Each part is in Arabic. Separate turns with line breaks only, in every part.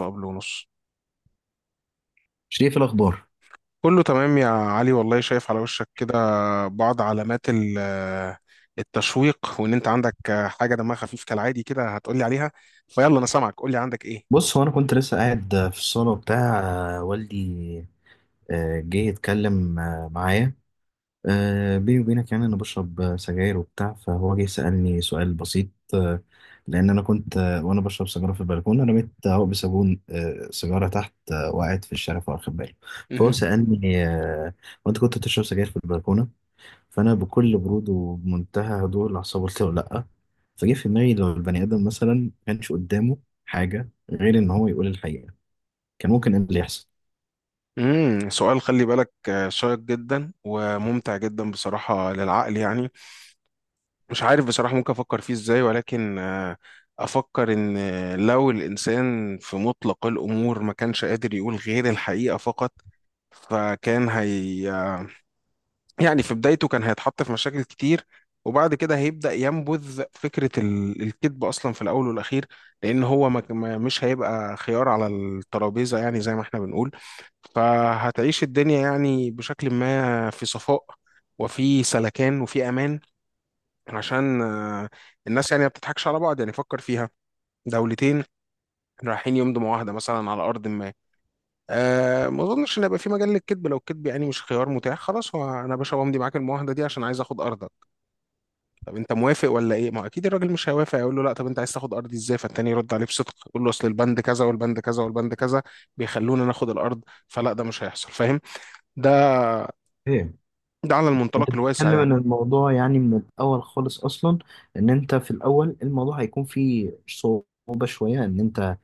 وقبل ونص،
شريف الأخبار.
كله تمام يا علي. والله شايف على وشك كده بعض علامات التشويق، وان انت عندك حاجه دمها خفيف كالعادي كده هتقولي عليها. فيلا، انا سامعك، قولي عندك ايه؟
بص، هو أنا كنت لسه قاعد في الصالة وبتاع، والدي جه يتكلم معايا. بيني وبينك، يعني أنا بشرب سجاير وبتاع، فهو جه سألني سؤال بسيط. آه، لأن أنا كنت وأنا بشرب سجارة في البلكونة، رميت هو بصابون سيجارة تحت وقعت في الشارع فواخد باله. فهو
مهم.
سألني: وأنت كنت بتشرب سجاير في البلكونة؟ فانا بكل برود وبمنتهى هدوء الاعصاب قلت له لا. فجه في دماغي، لو البني ادم مثلا ما كانش قدامه حاجه غير ان هو يقول الحقيقه، كان ممكن ايه اللي يحصل؟
سؤال خلي بالك شيق جدا وممتع جدا بصراحه للعقل يعني. مش عارف بصراحه ممكن افكر فيه ازاي، ولكن افكر ان لو الانسان في مطلق الامور ما كانش قادر يقول غير الحقيقه فقط، فكان هي يعني في بدايته كان هيتحط في مشاكل كتير، وبعد كده هيبدأ ينبذ فكرة الكذب أصلا في الأول والأخير. لأن هو مش هيبقى خيار على الترابيزة يعني زي ما احنا بنقول، فهتعيش الدنيا يعني بشكل ما في صفاء، وفي سلكان، وفي أمان، عشان الناس يعني ما بتضحكش على بعض يعني. فكر فيها، دولتين رايحين يمضوا معاهدة مثلا على أرض ما. ما أظنش إن هيبقى في مجال للكذب لو الكذب يعني مش خيار متاح. خلاص، هو أنا يا باشا بمضي معاك المعاهدة دي عشان عايز آخد أرضك؟ طب انت موافق ولا ايه؟ ما هو اكيد الراجل مش هيوافق، يقول له لا طب انت عايز تاخد ارضي ازاي؟ فالتاني يرد عليه بصدق، يقول له اصل البند كذا والبند كذا والبند كذا بيخلونا ناخد الارض. فلا، ده مش هيحصل فاهم. ده
ايه،
ده على
انت
المنطلق الواسع
بتتكلم ان
يعني.
الموضوع يعني من الاول خالص اصلا، ان انت في الاول الموضوع هيكون فيه صعوبه شويه. ان انت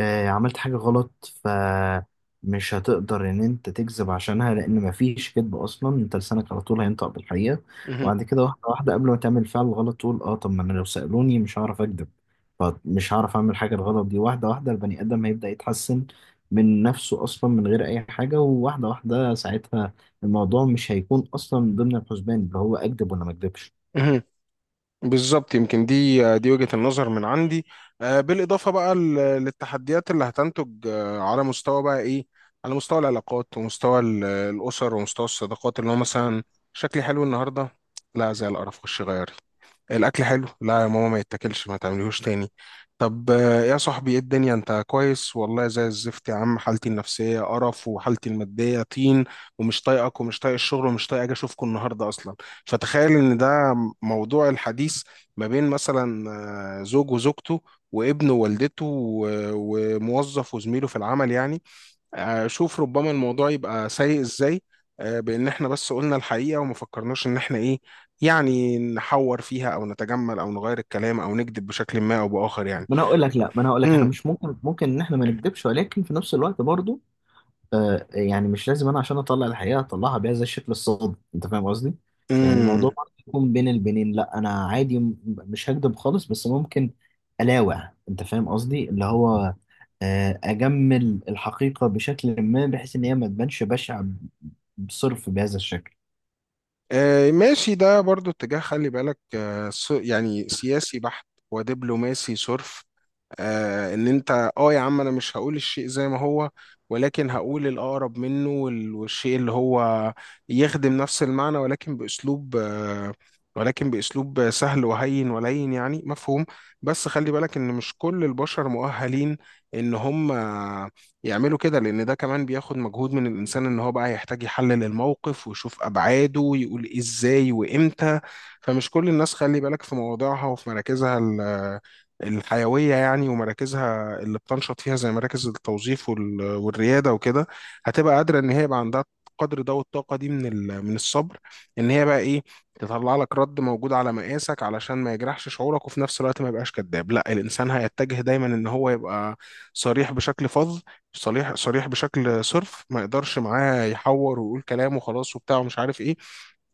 عملت حاجة غلط فمش هتقدر إن أنت تكذب عشانها، لأن مفيش كذب أصلا. أنت لسانك على طول هينطق بالحقيقة.
مهم.
وبعد كده واحدة واحدة قبل ما تعمل فعل غلط تقول: أه، طب ما أنا لو سألوني مش هعرف أكذب، فمش هعرف أعمل حاجة الغلط دي. واحدة واحدة البني آدم هيبدأ يتحسن من نفسه أصلا من غير أي حاجة، وواحدة واحدة ساعتها الموضوع مش هيكون أصلا من ضمن الحسبان اللي هو أكذب ولا ما أكذبش.
مهم. بالظبط، يمكن دي وجهة النظر من عندي. بالإضافة بقى للتحديات اللي هتنتج على مستوى بقى إيه، على مستوى العلاقات ومستوى الأسر ومستوى الصداقات، اللي هو مثلا: شكلي حلو النهاردة؟ لا زي القرف، خش غيري. الاكل حلو؟ لا يا ماما ما يتاكلش، ما تعمليهوش تاني. طب يا صاحبي ايه الدنيا انت كويس؟ والله زي الزفت يا عم، حالتي النفسيه قرف وحالتي الماديه طين، ومش طايقك ومش طايق الشغل ومش طايق اجي اشوفكم النهارده اصلا. فتخيل ان ده موضوع الحديث ما بين مثلا زوج وزوجته، وابن ووالدته، وموظف وزميله في العمل يعني. شوف ربما الموضوع يبقى سيء ازاي بان احنا بس قلنا الحقيقه وما فكرناش ان احنا ايه، يعني نحور فيها او نتجمل او نغير الكلام او نكذب بشكل ما او باخر يعني.
ما أنا هقول لك، لأ، ما أنا هقول لك إحنا
امم.
مش ممكن إن إحنا ما نكذبش، ولكن في نفس الوقت برضه يعني مش لازم انا عشان اطلع الحقيقه اطلعها بيها زي الشكل الصادم. انت فاهم قصدي؟ يعني الموضوع
امم.
برضه يكون بين البنين، لا انا عادي مش هكدب خالص، بس ممكن الاوع. انت فاهم قصدي؟ اللي هو اجمل الحقيقه بشكل ما بحيث ان هي ما تبانش بشعه بصرف بهذا الشكل.
ماشي، ده برضو اتجاه خلي بالك يعني سياسي بحت ودبلوماسي صرف. ان انت يا عم انا مش هقول الشيء زي ما هو، ولكن هقول الاقرب منه والشيء اللي هو يخدم نفس المعنى، ولكن باسلوب ولكن باسلوب سهل وهين ولين يعني مفهوم. بس خلي بالك ان مش كل البشر مؤهلين ان هم يعملوا كده، لان ده كمان بياخد مجهود من الانسان، ان هو بقى يحتاج يحلل الموقف ويشوف ابعاده ويقول ازاي وامتى. فمش كل الناس خلي بالك في مواضيعها وفي مراكزها الحيوية يعني ومراكزها اللي بتنشط فيها زي مراكز التوظيف والريادة وكده، هتبقى قادرة إن هي يبقى عندها قدر ده والطاقة دي من من الصبر، إن هي بقى إيه، تطلع لك رد موجود على مقاسك علشان ما يجرحش شعورك وفي نفس الوقت ما يبقاش كذاب. لا الإنسان هيتجه دايما إن هو يبقى صريح بشكل فظ، صريح صريح بشكل صرف، ما يقدرش معاه يحور ويقول كلام وخلاص وبتاع ومش عارف إيه.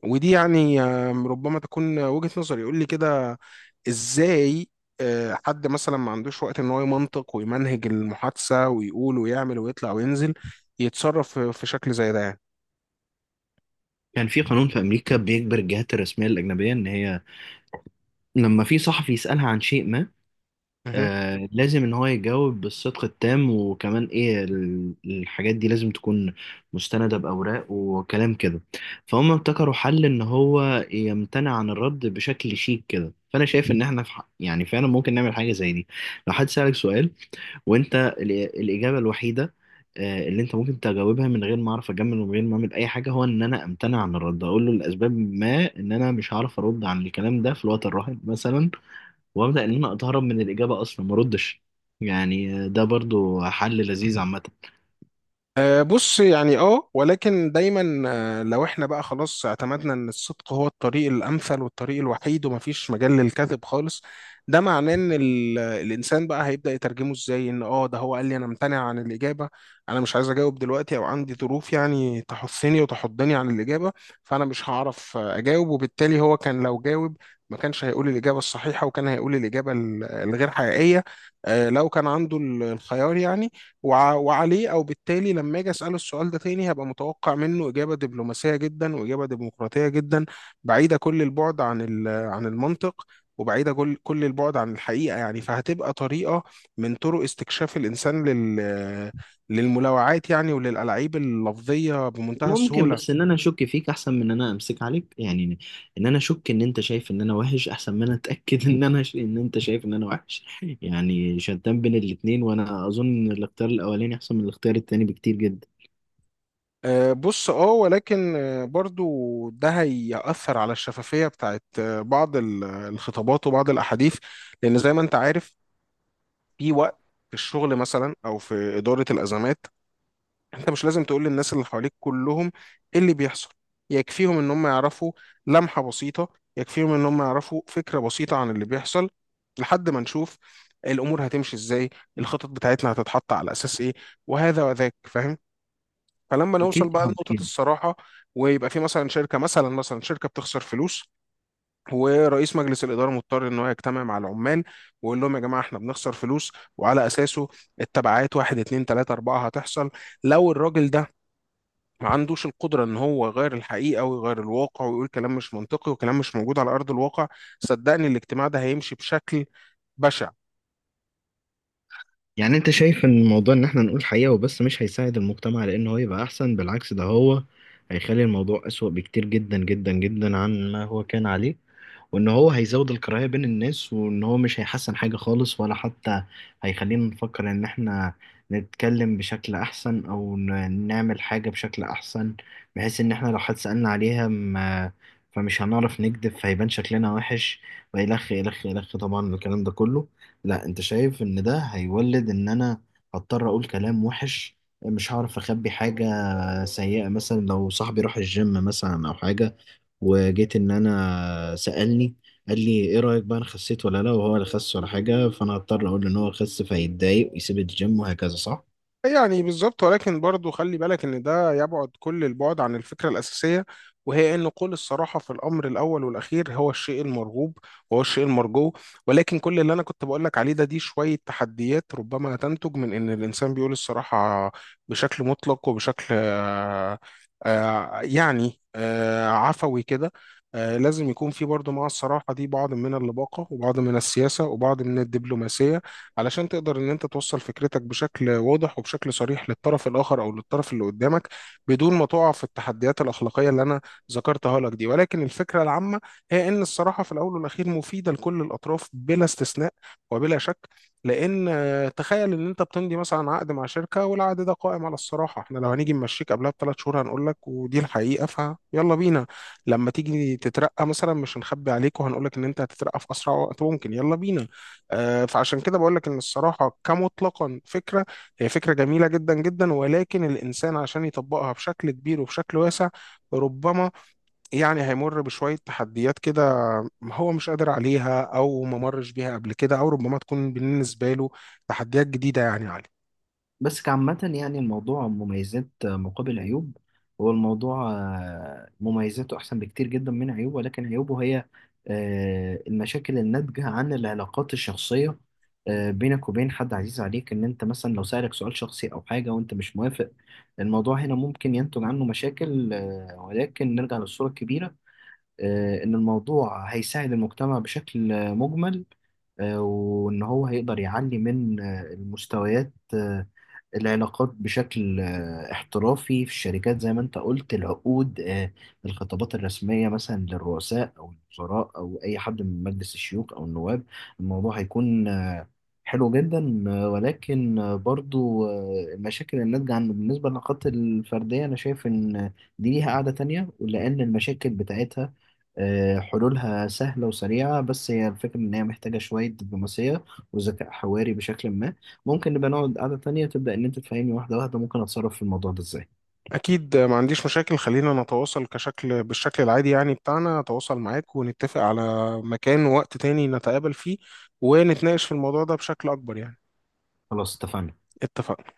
ودي يعني ربما تكون وجهة نظري. يقول لي كده ازاي؟ حد مثلا ما عندوش وقت ان هو يمنطق ويمنهج المحادثة ويقول ويعمل ويطلع وينزل يتصرف في شكل زي ده يعني.
كان في قانون في امريكا بيجبر الجهات الرسميه الاجنبيه ان هي لما في صحفي يسالها عن شيء ما، لازم ان هو يجاوب بالصدق التام، وكمان ايه الحاجات دي لازم تكون مستندة بأوراق وكلام كده. فهم ابتكروا حل ان هو يمتنع عن الرد بشكل شيك كده. فانا شايف ان احنا يعني فعلا ممكن نعمل حاجة زي دي. لو حد سألك سؤال وانت الإجابة الوحيدة اللي انت ممكن تجاوبها من غير ما اعرف اجمل ومن غير ما اعمل اي حاجه، هو ان انا امتنع عن الرد. اقول له لاسباب ما ان انا مش هعرف ارد عن الكلام ده في الوقت الراهن مثلا، وابدا ان انا اتهرب من الاجابه اصلا ما اردش. يعني ده برضو حل لذيذ عامه.
بص يعني ولكن دايما، لو احنا بقى خلاص اعتمدنا ان الصدق هو الطريق الامثل والطريق الوحيد ومفيش مجال للكذب خالص، ده معناه ان الانسان بقى هيبدأ يترجمه ازاي؟ ان ده هو قال لي انا ممتنع عن الاجابة، انا مش عايز اجاوب دلوقتي، او عندي ظروف يعني تحثني وتحضني عن الاجابة. فانا مش هعرف اجاوب. وبالتالي هو كان لو جاوب، ما كانش هيقول الإجابة الصحيحة، وكان هيقول الإجابة الغير حقيقية. لو كان عنده الخيار يعني، وعليه او بالتالي لما اجي اساله السؤال ده تاني هبقى متوقع منه اجابه دبلوماسيه جدا واجابه ديمقراطيه جدا، بعيده كل البعد عن عن المنطق، وبعيده كل البعد عن الحقيقه يعني. فهتبقى طريقه من طرق استكشاف الانسان للملاوعات يعني وللالعاب اللفظيه بمنتهى
ممكن
السهوله.
بس ان انا اشك فيك احسن من ان انا امسك عليك، يعني ان انا اشك ان انت شايف ان انا وحش احسن ما انا اتاكد ان انا ان انت شايف ان انا وحش. يعني شتان بين الاتنين، وانا اظن ان الاختيار الاولاني احسن من الاختيار التاني بكتير جدا.
بص ولكن برضو ده هيأثر على الشفافية بتاعت بعض الخطابات وبعض الأحاديث. لأن زي ما أنت عارف، في وقت في الشغل مثلا او في اداره الازمات، انت مش لازم تقول للناس اللي حواليك كلهم ايه اللي بيحصل. يكفيهم ان هم يعرفوا لمحه بسيطه، يكفيهم ان هم يعرفوا فكره بسيطه عن اللي بيحصل لحد ما نشوف الامور هتمشي ازاي، الخطط بتاعتنا هتتحط على اساس ايه، وهذا وذاك فاهم. فلما نوصل
أكيد،
بقى
طبعا،
لنقطه
أكيد.
الصراحه، ويبقى في مثلا شركه، مثلا شركه بتخسر فلوس، ورئيس مجلس الاداره مضطر ان هو يجتمع مع العمال ويقول لهم يا جماعه احنا بنخسر فلوس، وعلى اساسه التبعات واحد اتنين تلاته اربعه هتحصل. لو الراجل ده ما عندوش القدره ان هو يغير الحقيقه ويغير الواقع ويقول كلام مش منطقي وكلام مش موجود على ارض الواقع، صدقني الاجتماع ده هيمشي بشكل بشع.
يعني أنت شايف إن الموضوع إن إحنا نقول حقيقة وبس مش هيساعد المجتمع لأن هو يبقى أحسن، بالعكس ده هو هيخلي الموضوع أسوأ بكتير جدا جدا جدا عن ما هو كان عليه، وان هو هيزود الكراهية بين الناس، وان هو مش هيحسن حاجة خالص، ولا حتى هيخلينا نفكر ان احنا نتكلم بشكل احسن او نعمل حاجة بشكل احسن، بحيث ان احنا لو حد سألنا عليها ما، فمش هنعرف نكذب فهيبان شكلنا وحش، وإلخ إلخ إلخ، طبعا الكلام ده كله. لا، انت شايف ان ده هيولد ان انا هضطر اقول كلام وحش، مش هعرف اخبي حاجة سيئة. مثلا لو صاحبي راح الجيم مثلا او حاجة، وجيت ان انا سألني قال لي: ايه رأيك بقى، انا خسيت ولا لا؟ وهو اللي خس ولا حاجة، فانا هضطر اقول له ان هو خس فيتضايق ويسيب الجيم وهكذا، صح؟
يعني بالظبط، ولكن برضه خلي بالك ان ده يبعد كل البعد عن الفكره الاساسيه، وهي ان قول الصراحه في الامر الاول والاخير هو الشيء المرغوب، وهو الشيء المرجو. ولكن كل اللي انا كنت بقول لك عليه ده، دي شويه تحديات ربما تنتج من ان الانسان بيقول الصراحه بشكل مطلق وبشكل عفوي كده. لازم يكون في برضه مع الصراحة دي بعض من اللباقة وبعض من السياسة وبعض من الدبلوماسية، علشان تقدر ان انت توصل فكرتك بشكل واضح وبشكل صريح للطرف الاخر او للطرف اللي قدامك، بدون ما تقع في التحديات الاخلاقيه اللي انا ذكرتها لك دي. ولكن الفكره العامه هي ان الصراحه في الاول والاخير مفيده لكل الاطراف بلا استثناء وبلا شك، لان تخيل ان انت بتمضي مثلا عقد مع شركه والعقد ده قائم على الصراحه، احنا لو هنيجي نمشيك قبلها ب3 شهور هنقول لك، ودي الحقيقه فيلا بينا. لما تيجي تترقى مثلا مش هنخبي عليك وهنقول لك ان انت هتترقى في اسرع وقت ممكن، يلا بينا. فعشان كده بقول لك ان الصراحه كمطلقا فكره، هي فكره جميله جدا جدا. ولكن الانسان عشان يطبقها بشكل كبير وبشكل واسع، ربما يعني هيمر بشويه تحديات كده، هو مش قادر عليها او ما مرش بيها قبل كده، او ربما تكون بالنسبه له تحديات جديده يعني عليه.
بس كعامة يعني الموضوع مميزات مقابل عيوب. هو الموضوع مميزاته أحسن بكتير جدا من عيوبه، ولكن عيوبه هي المشاكل الناتجة عن العلاقات الشخصية، بينك وبين حد عزيز عليك. إن أنت مثلا لو سألك سؤال شخصي أو حاجة وأنت مش موافق، الموضوع هنا ممكن ينتج عنه مشاكل، ولكن نرجع للصورة الكبيرة. إن الموضوع هيساعد المجتمع بشكل مجمل، وإن هو هيقدر يعلي من المستويات، العلاقات بشكل احترافي في الشركات زي ما أنت قلت، العقود، الخطابات الرسمية مثلا للرؤساء أو الوزراء أو أي حد من مجلس الشيوخ أو النواب، الموضوع هيكون حلو جدا. ولكن برضو المشاكل الناتجة عنه بالنسبة للعلاقات الفردية أنا شايف إن دي ليها قاعدة تانية، ولأن المشاكل بتاعتها حلولها سهلة وسريعة، بس هي الفكرة إن هي محتاجة شوية دبلوماسية وذكاء حواري بشكل ما. ممكن نبقى نقعد قعدة تانية تبدأ إن أنت تفهمني واحدة واحدة، ممكن أتصرف في الموضوع ده إزاي.
اكيد، ما عنديش مشاكل. خلينا نتواصل كشكل بالشكل العادي يعني بتاعنا، اتواصل معاك ونتفق على مكان ووقت تاني نتقابل فيه، ونتناقش في الموضوع ده بشكل اكبر يعني.
خلاص، اتفقنا.
اتفقنا.